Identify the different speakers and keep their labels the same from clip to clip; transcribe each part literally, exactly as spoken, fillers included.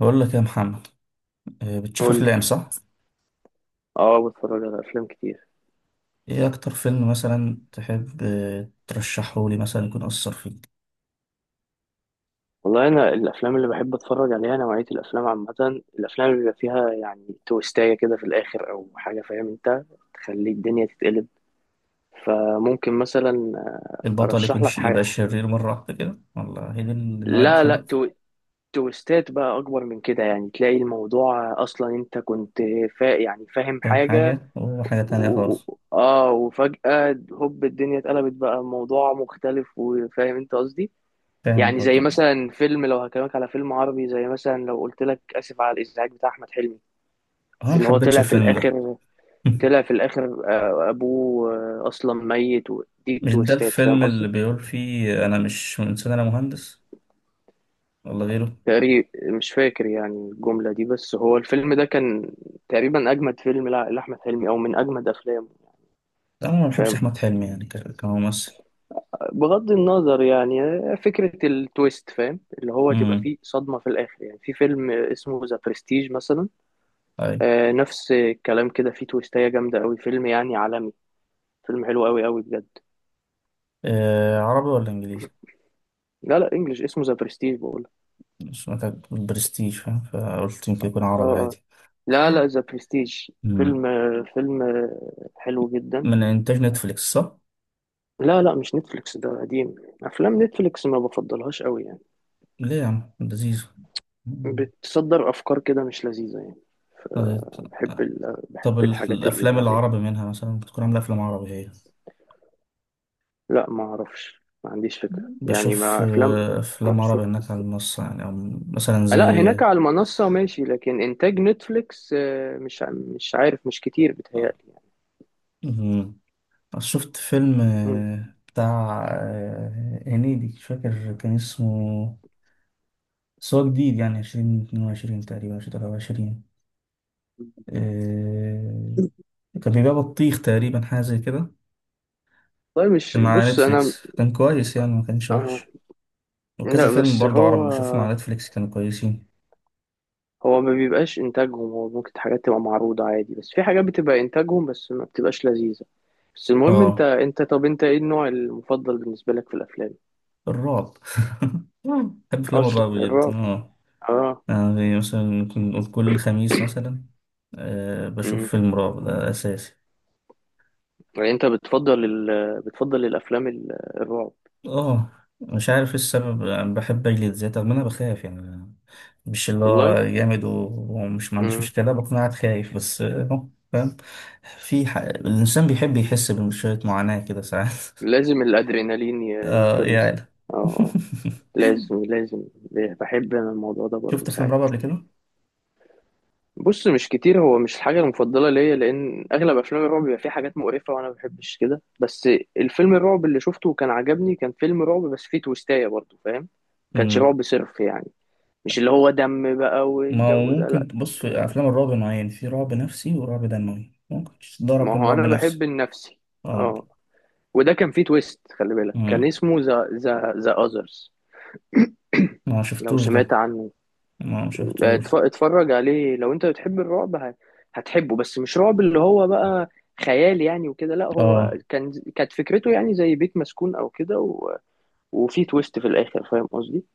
Speaker 1: بقول لك يا محمد. آه، بتشوف
Speaker 2: قول لي.
Speaker 1: افلام، صح؟
Speaker 2: اه، بتفرج على افلام كتير.
Speaker 1: ايه اكتر فيلم مثلا تحب آه، ترشحه لي، مثلا يكون اثر فيك؟
Speaker 2: والله انا الافلام اللي بحب اتفرج عليها، نوعيه الافلام عامه، الافلام اللي بيبقى فيها يعني تويستايه كده في الاخر او حاجه، فاهم انت؟ تخلي الدنيا تتقلب. فممكن مثلا آه،
Speaker 1: البطل يكون
Speaker 2: ارشح لك
Speaker 1: شيء يبقى
Speaker 2: حاجه.
Speaker 1: شرير مره واحده كده، والله هي دي النوعيه اللي
Speaker 2: لا، لا،
Speaker 1: بتحبها؟
Speaker 2: تو... تويستات بقى اكبر من كده، يعني تلاقي الموضوع اصلا انت كنت فا... يعني فاهم
Speaker 1: فاهم
Speaker 2: حاجه،
Speaker 1: حاجه وحاجه تانية
Speaker 2: و...
Speaker 1: خالص.
Speaker 2: و- اه وفجاه هوب الدنيا اتقلبت، بقى الموضوع مختلف، وفاهم انت قصدي.
Speaker 1: فاهمك.
Speaker 2: يعني
Speaker 1: آه،
Speaker 2: زي
Speaker 1: طب.
Speaker 2: مثلا فيلم، لو هكلمك على فيلم عربي زي مثلا لو قلت لك اسف على الازعاج بتاع احمد حلمي،
Speaker 1: انا ما
Speaker 2: اللي هو
Speaker 1: حبيتش
Speaker 2: طلع في
Speaker 1: الفيلم ده.
Speaker 2: الاخر. طلع في الاخر. آه، ابوه. آه، اصلا ميت، ودي
Speaker 1: مش ده
Speaker 2: التويستات، فاهم
Speaker 1: الفيلم
Speaker 2: قصدي.
Speaker 1: اللي بيقول فيه انا مش انسان، انا مهندس؟ ولا غيره؟
Speaker 2: تقريبا. مش فاكر يعني الجملة دي، بس هو الفيلم ده كان تقريبا اجمد فيلم، لأ- لاحمد حلمي، او من اجمد افلامه.
Speaker 1: لا، انا ما بحبش
Speaker 2: فاهم.
Speaker 1: احمد حلمي يعني ك- كممثل.
Speaker 2: بغض النظر يعني، آه، فكرة التويست، فاهم، اللي هو تبقى
Speaker 1: امم.
Speaker 2: فيه صدمة في الاخر. يعني في فيلم اسمه ذا برستيج مثلا.
Speaker 1: طيب.
Speaker 2: آه، نفس الكلام كده، فيه تويستاية جامدة أوي، فيلم يعني عالمي، فيلم حلو أوي أوي بجد.
Speaker 1: آه، عربي ولا انجليزي؟
Speaker 2: لا، لا، إنجلش، اسمه ذا برستيج بقول.
Speaker 1: سمعتك برستيج، فاهم؟ فقلت يمكن يكون
Speaker 2: اه،
Speaker 1: عربي
Speaker 2: اه.
Speaker 1: عادي.
Speaker 2: لا، لا، ذا برستيج.
Speaker 1: مم.
Speaker 2: فيلم آه، فيلم آه، حلو جدا.
Speaker 1: من إنتاج نتفليكس، صح؟
Speaker 2: لا، لا، مش نتفليكس، ده قديم. أفلام نتفليكس ما بفضلهاش أوي يعني.
Speaker 1: ليه يا عم؟ لذيذ. مم.
Speaker 2: بتصدر أفكار كده مش لذيذة يعني.
Speaker 1: طيب.
Speaker 2: فبحب ال... بحب
Speaker 1: طب ال-
Speaker 2: الحاجات
Speaker 1: الأفلام
Speaker 2: العادية.
Speaker 1: العربي منها مثلا بتكون عاملة أفلام عربي هي؟
Speaker 2: لا، ما أعرفش، ما عنديش فكرة،
Speaker 1: مم.
Speaker 2: يعني
Speaker 1: بشوف
Speaker 2: ما أفلام.
Speaker 1: آه، أفلام عربي هناك على المنصة يعني، أو مثلا
Speaker 2: لا،
Speaker 1: زي.
Speaker 2: هناك على المنصة ماشي، لكن إنتاج نتفليكس، آه، مش ع- مش عارف، مش كتير بيتهيألي يعني.
Speaker 1: مم. شفت فيلم
Speaker 2: مم.
Speaker 1: آه، بتاع آه، هنيدي، مش فاكر كان اسمه. بس هو جديد، يعني عشرين اتنين وعشرين تقريبا، عشرين تلاتة وعشرين. آه، كان بيبيع بطيخ تقريبا، حاجة زي كده.
Speaker 2: والله مش
Speaker 1: كان على
Speaker 2: بص أنا.
Speaker 1: نتفليكس، كان كويس يعني، ما كانش
Speaker 2: آه،
Speaker 1: وحش. وكذا
Speaker 2: لا،
Speaker 1: فيلم
Speaker 2: بس
Speaker 1: برضه
Speaker 2: هو،
Speaker 1: عربي بشوفهم على نتفليكس، كانوا كويسين.
Speaker 2: هو ما بيبقاش إنتاجهم، هو ممكن حاجات تبقى معروضة عادي، بس في حاجات بتبقى إنتاجهم، بس ما بتبقاش لذيذة. بس المهم، أنت
Speaker 1: اه.
Speaker 2: أنت طب أنت إيه النوع المفضل بالنسبة لك في الأفلام؟
Speaker 1: الرعب. بحب افلام
Speaker 2: أصلا
Speaker 1: الرعب جدا،
Speaker 2: الرعب.
Speaker 1: اه.
Speaker 2: آه.
Speaker 1: يعني زي مثلا، ممكن نقول كل خميس مثلا. أه، بشوف
Speaker 2: مم.
Speaker 1: فيلم رعب، ده اساسي.
Speaker 2: يعني أنت بتفضل ال... بتفضل الأفلام، ال- الرعب؟
Speaker 1: اه. مش عارف ايه السبب، أنا بحب اجلد ذاتي رغم إن انا بخاف يعني. مش اللي هو
Speaker 2: والله؟
Speaker 1: جامد و- ومش، ما عنديش مشكله بكون قاعد خايف بس آه، فاهم. في ح... الانسان بيحب يحس بشويه معاناه كده ساعات.
Speaker 2: لازم الأدرينالين ي-
Speaker 1: آه يا
Speaker 2: يتفرز.
Speaker 1: عيلة!
Speaker 2: اه، آه. لازم، لازم. بحب أنا الموضوع ده
Speaker 1: شفت
Speaker 2: برضه
Speaker 1: أفلام رعب
Speaker 2: ساعات.
Speaker 1: قبل كده؟
Speaker 2: بص، مش كتير، هو مش الحاجة المفضلة ليا، لأن أغلب أفلام الرعب بيبقى فيه حاجات مقرفة، وأنا ما بحبش كده. بس الفيلم الرعب اللي شفته وكان عجبني كان فيلم رعب بس فيه تويستاية برضه، فاهم، ما كانش
Speaker 1: مم.
Speaker 2: رعب صرف يعني، مش اللي هو دم بقى
Speaker 1: ما هو
Speaker 2: والجو ده،
Speaker 1: ممكل
Speaker 2: لأ.
Speaker 1: تبص في
Speaker 2: كان-
Speaker 1: أفلام الرعب نوعين، في رعب نفسي ورعب دموي، ممكن تدور
Speaker 2: ما
Speaker 1: أفلام
Speaker 2: هو
Speaker 1: رعب
Speaker 2: أنا بحب
Speaker 1: نفسي.
Speaker 2: النفسي.
Speaker 1: اه.
Speaker 2: اه. وده كان فيه تويست، خلي بالك، كان
Speaker 1: مم.
Speaker 2: اسمه ذا ذا ذا أذرز.
Speaker 1: ما
Speaker 2: لو
Speaker 1: شفتوش ده.
Speaker 2: سمعت عنه،
Speaker 1: ما شفتوش.
Speaker 2: اتف- اتفرج عليه، لو انت بتحب الرعب هت- هتحبه، بس مش رعب اللي هو بقى خيال يعني وكده. لا، هو
Speaker 1: اه.
Speaker 2: كان كانت فكرته يعني زي بيت مسكون او كده، و... وفي تويست في الاخر، فاهم قصدي،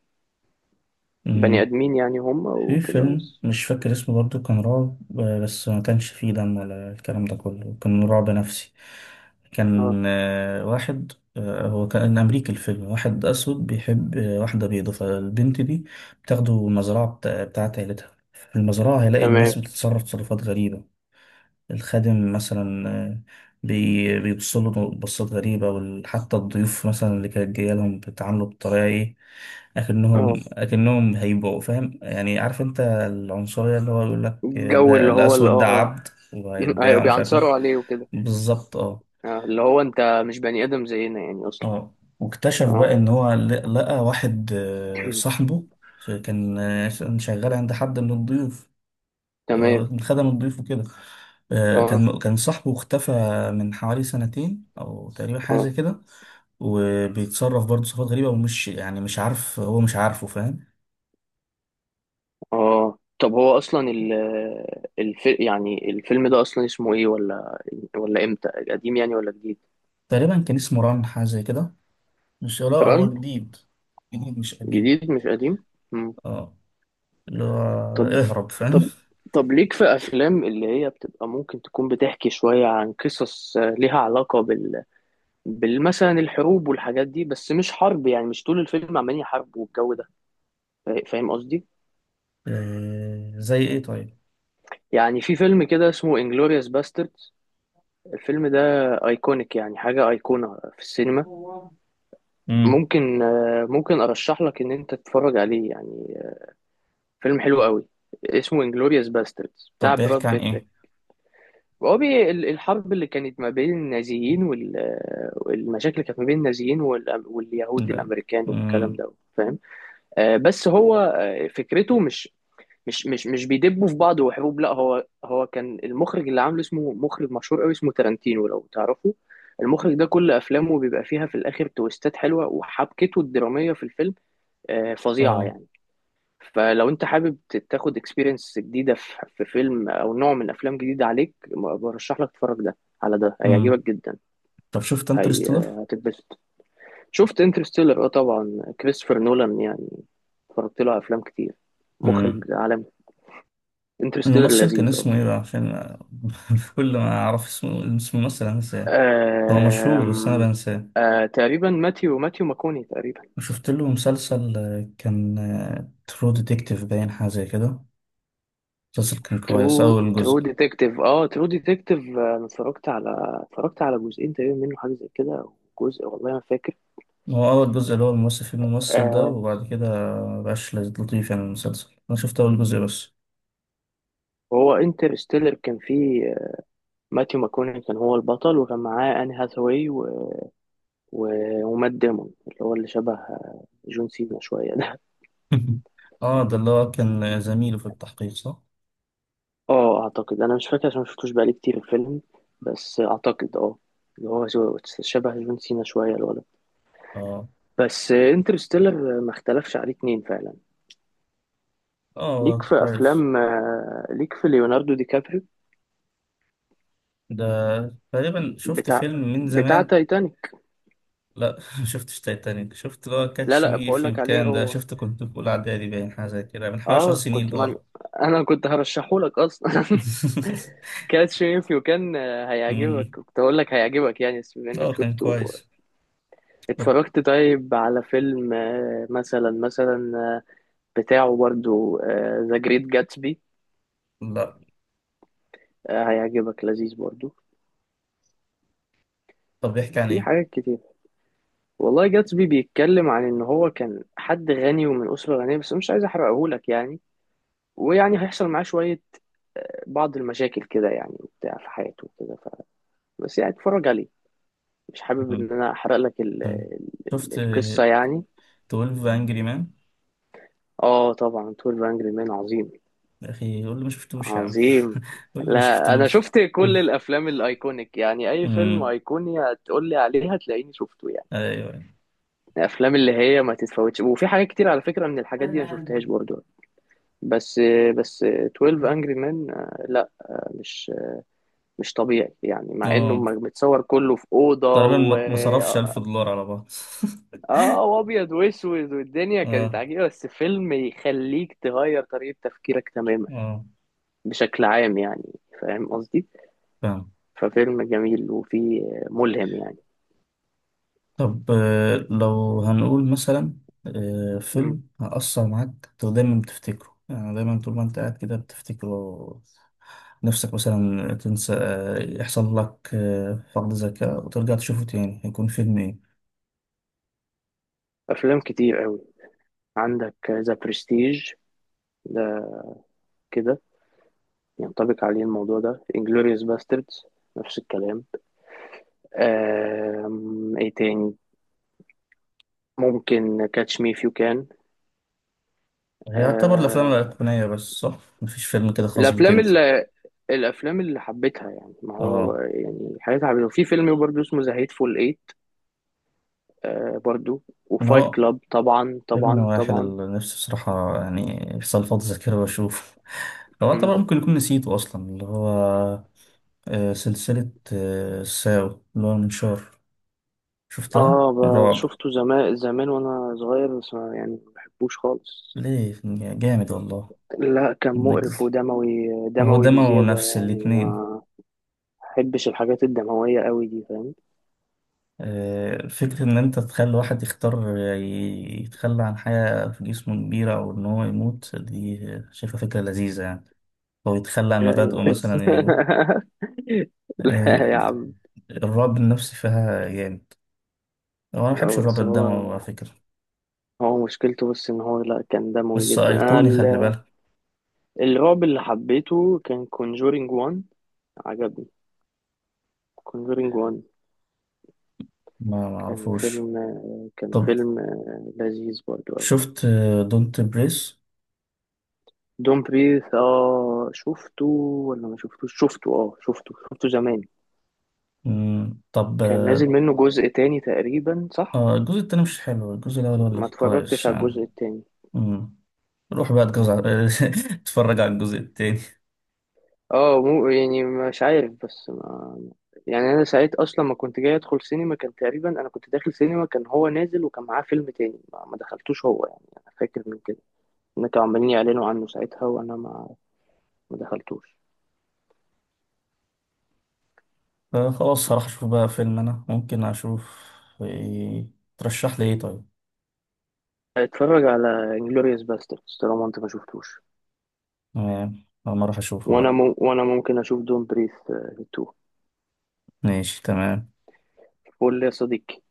Speaker 2: بني
Speaker 1: مم.
Speaker 2: ادمين يعني هم
Speaker 1: في
Speaker 2: وكده
Speaker 1: فيلم
Speaker 2: بس.
Speaker 1: مش فاكر اسمه برضو، كان رعب، آه، بس ما كانش فيه دم ولا الكلام ده كله، كان رعب نفسي.
Speaker 2: اه.
Speaker 1: كان آه، واحد، آه، هو كان أمريكي الفيلم، واحد أسود بيحب آه، واحدة بيضة، فالبنت دي بتاخده المزرعة بتاع- بتاعت عيلتها، في المزرعة هيلاقي
Speaker 2: تمام.
Speaker 1: الناس بتتصرف تصرفات غريبة. الخادم مثلا، آه، بي- بيبص له بصات غريبة، وحتى الضيوف مثلا اللي كانت جاية لهم بيتعاملوا بطريقة إيه.
Speaker 2: اه،
Speaker 1: أكنهم أكنهم هيبقوا، فاهم يعني؟ عارف أنت العنصرية، اللي هو يقول لك آه،
Speaker 2: الجو
Speaker 1: ده
Speaker 2: اللي هو، اللي
Speaker 1: الأسود ده
Speaker 2: اه
Speaker 1: عبد
Speaker 2: ايوه،
Speaker 1: وهيتباع، ومش عارف إيه.
Speaker 2: بيعنصروا عليه وكده.
Speaker 1: بالظبط، أه.
Speaker 2: اه، اللي هو انت مش بني ادم زينا يعني اصلا.
Speaker 1: أه، واكتشف بقى
Speaker 2: اه.
Speaker 1: إن هو ل- لقى واحد آه، صاحبه. ف- كان آه، كان شغال عند حد من الضيوف.
Speaker 2: تمام.
Speaker 1: آه، خدم الضيف وكده. آه،
Speaker 2: اه،
Speaker 1: كان كان صاحبه اختفى، من حوالي سنتين او تقريبا، حاجه زي
Speaker 2: اه،
Speaker 1: كده. وبيتصرف برضه صفات غريبه، ومش يعني، مش عارف هو، مش عارفه، فاهم.
Speaker 2: اه، طب هو اصلا، ال الف... يعني الفيلم ده اصلا اسمه ايه؟ ولا ولا امتى؟ قديم يعني ولا جديد؟
Speaker 1: تقريبا كان اسمه ران، حاجه زي كده. مش، لا،
Speaker 2: ران.
Speaker 1: هو جديد. جديد مش قديم.
Speaker 2: جديد مش قديم. مم.
Speaker 1: اه، اللي هو
Speaker 2: طب،
Speaker 1: اهرب، فاهم.
Speaker 2: طب، طب، ليك في افلام اللي هي بتبقى ممكن تكون بتحكي شوية عن قصص، آه، ليها علاقة بال بالمثلا الحروب والحاجات دي، بس مش حرب يعني مش طول الفيلم عمالين يحاربوا والجو ده، فا- فاهم قصدي.
Speaker 1: آه، زي ايه؟ طيب
Speaker 2: يعني في فيلم كده اسمه انجلوريوس باستردز، الفيلم ده ايكونيك، يعني حاجة ايقونة في السينما.
Speaker 1: امم.
Speaker 2: ممكن آه، ممكن ارشح لك ان انت تتفرج عليه يعني، آه، فيلم حلو قوي، اسمه انجلوريوس باستردز
Speaker 1: طب
Speaker 2: بتاع براد
Speaker 1: بيحكي عن
Speaker 2: بيت.
Speaker 1: ايه؟
Speaker 2: هو، بي ال- الحرب اللي كانت ما بين النازيين وال آه، والمشاكل اللي كانت ما بين النازيين وال- واليهود
Speaker 1: لا.
Speaker 2: الامريكان والكلام
Speaker 1: امم.
Speaker 2: ده، فاهم. آه، بس هو آه، فكرته مش، مش مش مش بيدبوا في بعض وحروب. لا، هو هو كان المخرج اللي عامله اسمه، مخرج مشهور قوي اسمه تارانتينو، لو تعرفه. المخرج ده كل افلامه بيبقى فيها في الاخر تويستات حلوه، وحبكته الدراميه في الفيلم آه، فظيعة
Speaker 1: اه.
Speaker 2: يعني. فلو انت حابب ت- تاخد اكسبيرينس جديدة في، في فيلم او نوع من افلام جديدة عليك، م- برشح لك تتفرج ده، على ده
Speaker 1: امم.
Speaker 2: هيعجبك جدا،
Speaker 1: طب شفت
Speaker 2: هي
Speaker 1: انترستيلر؟
Speaker 2: آه، هتتبسط. شفت انترستيلر؟ اه، طبعا، كريستوفر نولان يعني، اتفرجت له على افلام كتير، مخرج عالمي. انترستيلر
Speaker 1: الممثل كان
Speaker 2: لذيذ، اه.
Speaker 1: اسمه ايه بقى؟ عشان كل ما اعرف اسمه، اسم الممثل، انساه. هو مشهور بس انا
Speaker 2: آم،
Speaker 1: بنساه.
Speaker 2: آه، تقريبا ماتيو ماتيو ماكوني تقريبا.
Speaker 1: شفت له مسلسل آه، كان ترو ديتكتيف، باين حاجه زي كده. المسلسل كان كويس،
Speaker 2: ترو
Speaker 1: اول جزء.
Speaker 2: ترو ديتكتيف؟ اه، ترو ديتكتيف انا اتفرجت على اتفرجت على جزئين تقريبا منه، حاجه زي كده، أو جزء، والله ما فاكر.
Speaker 1: هو اول جزء اللي هو الممثل فيه، الممثل ده،
Speaker 2: آه.
Speaker 1: وبعد كده مبقاش لطيف يعني المسلسل، انا شفت اول جزء بس.
Speaker 2: هو انترستيلر كان فيه، آه، ماثيو ماكوني كان هو البطل، وكان معاه آن هاثاواي، و... و... ومات ديمون، اللي هو اللي شبه آه، جون سينا شوية ده.
Speaker 1: اه، ده اللي هو كان زميله في التحقيق، صح؟
Speaker 2: اه، اعتقد، انا مش فاكر عشان مشفتوش بقالي كتير الفيلم، بس اعتقد، اه، اللي هو جو- شبه جون سينا شوية الولد.
Speaker 1: اه.
Speaker 2: بس انترستيلر ما اختلفش عليه اتنين فعلا. ليك
Speaker 1: اه،
Speaker 2: في
Speaker 1: كويس.
Speaker 2: افلام، آه، ليك في ليوناردو دي كابريو،
Speaker 1: ده تقريبا، شفت
Speaker 2: بتاع
Speaker 1: فيلم من
Speaker 2: بتاع
Speaker 1: زمان.
Speaker 2: تايتانيك.
Speaker 1: لا. ما شفتش تايتانيك، شفت اللي هو
Speaker 2: لا،
Speaker 1: كاتش
Speaker 2: لا،
Speaker 1: مي
Speaker 2: بقول
Speaker 1: اف يو،
Speaker 2: لك عليه
Speaker 1: كان ده
Speaker 2: هو.
Speaker 1: شفته كنت في اولى اعدادي، باين حاجه زي كده، من حوالي 10
Speaker 2: اه.
Speaker 1: سنين،
Speaker 2: كنت
Speaker 1: اللي
Speaker 2: من...
Speaker 1: هو.
Speaker 2: انا كنت هرشحه لك اصلا. كاس شريف، وكان آه، هيعجبك،
Speaker 1: أمم.
Speaker 2: كنت هقول لك هيعجبك يعني، بس بما
Speaker 1: اه،
Speaker 2: انك
Speaker 1: كان
Speaker 2: شفته.
Speaker 1: كويس. طب.
Speaker 2: اتفرجت طيب على فيلم، آه، مثلا مثلا، آه، بتاعه برضو، ذا جريت جاتسبي؟
Speaker 1: لا.
Speaker 2: هيعجبك لذيذ برضو.
Speaker 1: طب بيحكي عن
Speaker 2: في
Speaker 1: ايه؟
Speaker 2: حاجات كتير، والله جاتسبي بيتكلم عن ان هو كان حد غني ومن اسره غنيه، بس مش عايز احرقهولك يعني، ويعني هيحصل معاه شويه، آه، بعض المشاكل كده يعني وبتاع في حياته وكده، ف... بس يعني اتفرج عليه، مش حابب
Speaker 1: أمم.
Speaker 2: ان انا احرق لك ال...
Speaker 1: أمم.
Speaker 2: ال...
Speaker 1: شفت
Speaker 2: القصه يعني.
Speaker 1: اثنا عشر انجري مان انجري مان؟
Speaker 2: اه، طبعا، اتناشر انجري مان، عظيم.
Speaker 1: يا اخي قول لي ما شفتوش يا عم!
Speaker 2: عظيم.
Speaker 1: قول لي ما
Speaker 2: لا، انا
Speaker 1: شفتوش.
Speaker 2: شفت كل
Speaker 1: أمم.
Speaker 2: الافلام الايكونيك يعني، اي فيلم
Speaker 1: أمم.
Speaker 2: ايقوني هتقول لي عليه هتلاقيني شفته يعني،
Speaker 1: ايوه.
Speaker 2: الافلام اللي هي ما تتفوتش، وفي حاجات كتير على فكره من الحاجات دي ما شفتهاش برضو. بس بس اثنا عشر انجري مان، لا، مش مش طبيعي يعني، مع انه
Speaker 1: اه
Speaker 2: م- متصور كله في اوضه،
Speaker 1: تقريبا
Speaker 2: و
Speaker 1: ما ما صرفش ألف دولار على بعض.
Speaker 2: اه وابيض واسود، والدنيا كانت
Speaker 1: اه.
Speaker 2: عجيبه، بس فيلم يخليك تغير طريقه تفكيرك تماما،
Speaker 1: اه،
Speaker 2: بشكل عام يعني، فاهم قصدي.
Speaker 1: فاهم.
Speaker 2: ففيلم جميل، وفيه، ملهم يعني.
Speaker 1: طب آه، لو هنقول مثلا آه،
Speaker 2: مم.
Speaker 1: فيلم هأثر معاك أنت دايما بتفتكره، يعني دايما طول ما أنت قاعد كده بتفتكره، نفسك مثلا تنسى، آه، يحصل لك آه، فقد ذاكرة، وترجع تشوفه تاني، هيكون فيلم إيه؟
Speaker 2: أفلام كتير قوي، عندك ذا برستيج ده كده ينطبق عليه الموضوع ده، انجلوريوس باستردز نفس الكلام. آم، ايه تاني؟ ممكن كاتش مي فيو كان.
Speaker 1: يعتبر الأفلام الأيقونية بس، صح؟ مفيش فيلم كده خاص بيك
Speaker 2: الافلام
Speaker 1: أنت؟
Speaker 2: اللي الافلام اللي حبيتها يعني، ما هو
Speaker 1: آه.
Speaker 2: يعني حاجات حبيتها، وفي فيلم برضه اسمه ذا هيتفول ايت، آه برضه،
Speaker 1: إن
Speaker 2: وفايت
Speaker 1: هو
Speaker 2: كلاب، طبعا،
Speaker 1: فيلم
Speaker 2: طبعا،
Speaker 1: واحد
Speaker 2: طبعا.
Speaker 1: اللي نفسي بصراحة يعني، يحصل فقد ذاكرة وأشوفه. هو
Speaker 2: مم.
Speaker 1: طبعا ممكن يكون نسيته أصلا، اللي هو آه، سلسلة آه، ساو، اللي هو المنشار. شفتها
Speaker 2: اه، ب-
Speaker 1: رعب.
Speaker 2: شفته زمان زمان وانا صغير، بس ما- يعني ما بحبوش خالص.
Speaker 1: ليه؟ جامد والله.
Speaker 2: لا، كان مقرف
Speaker 1: نجز،
Speaker 2: ودموي،
Speaker 1: هو
Speaker 2: دموي
Speaker 1: دموي
Speaker 2: بزيادة
Speaker 1: نفس
Speaker 2: يعني،
Speaker 1: الاتنين.
Speaker 2: ما بحبش الحاجات الدموية قوي دي، فاهم.
Speaker 1: آه، فكرة إن أنت تخلي واحد يختار ي- يتخلى عن حاجة في جسمه كبيرة، أو إن هو يموت، دي شايفها فكرة لذيذة يعني. أو يتخلى عن
Speaker 2: لا.
Speaker 1: مبادئه مثلا يموت.
Speaker 2: لا يا
Speaker 1: آه،
Speaker 2: عم.
Speaker 1: الرعب النفسي فيها جامد. هو أنا مبحبش
Speaker 2: هو-
Speaker 1: الرعب
Speaker 2: بس هو،
Speaker 1: الدموي على فكرة.
Speaker 2: هو مشكلته بس ان هو، لا كان دموي
Speaker 1: بس
Speaker 2: جدا. انا،
Speaker 1: أيقوني، خلي
Speaker 2: ال-
Speaker 1: بالك.
Speaker 2: الرعب اللي حبيته كان كونجورينج واحد. عجبني. كونجورينج واحد
Speaker 1: ما
Speaker 2: كان
Speaker 1: معرفوش.
Speaker 2: فيلم كان
Speaker 1: طب
Speaker 2: فيلم لذيذ برضه.
Speaker 1: شفت دونت بريس؟
Speaker 2: دون بريث؟ اه، شفته. ولا ما شفتوش؟ شفته. اه، شفته شفته زمان.
Speaker 1: طب.
Speaker 2: كان نازل
Speaker 1: آه
Speaker 2: منه جزء تاني تقريبا، صح؟
Speaker 1: آه، الجزء التاني مش حلو، الجزء الأول هو
Speaker 2: ما
Speaker 1: اللي
Speaker 2: اتفرجتش
Speaker 1: كويس
Speaker 2: على الجزء
Speaker 1: يعني.
Speaker 2: التاني.
Speaker 1: مم. روح بقى اتجوز على اتفرج على الجزء التاني.
Speaker 2: اه، مو يعني مش عارف، بس ما، يعني انا ساعت اصلا ما كنت جاي ادخل سينما، كان تقريبا انا كنت داخل سينما كان هو نازل، وكان معاه فيلم تاني ما ما دخلتوش، هو يعني انا فاكر من كده ان كانوا عمالين يعلنوا عنه ساعتها، وانا ما ما دخلتوش.
Speaker 1: آه، خلاص هروح أشوف بقى فيلم، أنا ممكن أشوف إيه. ترشح لي إيه طيب؟
Speaker 2: اتفرج على انجلوريوس باستردز طالما انت ما شفتوش.
Speaker 1: تمام، أما أروح أشوفه
Speaker 2: وانا
Speaker 1: بقى.
Speaker 2: مو... وانا ممكن اشوف دون بريث اتنين.
Speaker 1: ماشي تمام.
Speaker 2: الفل يا صديقي.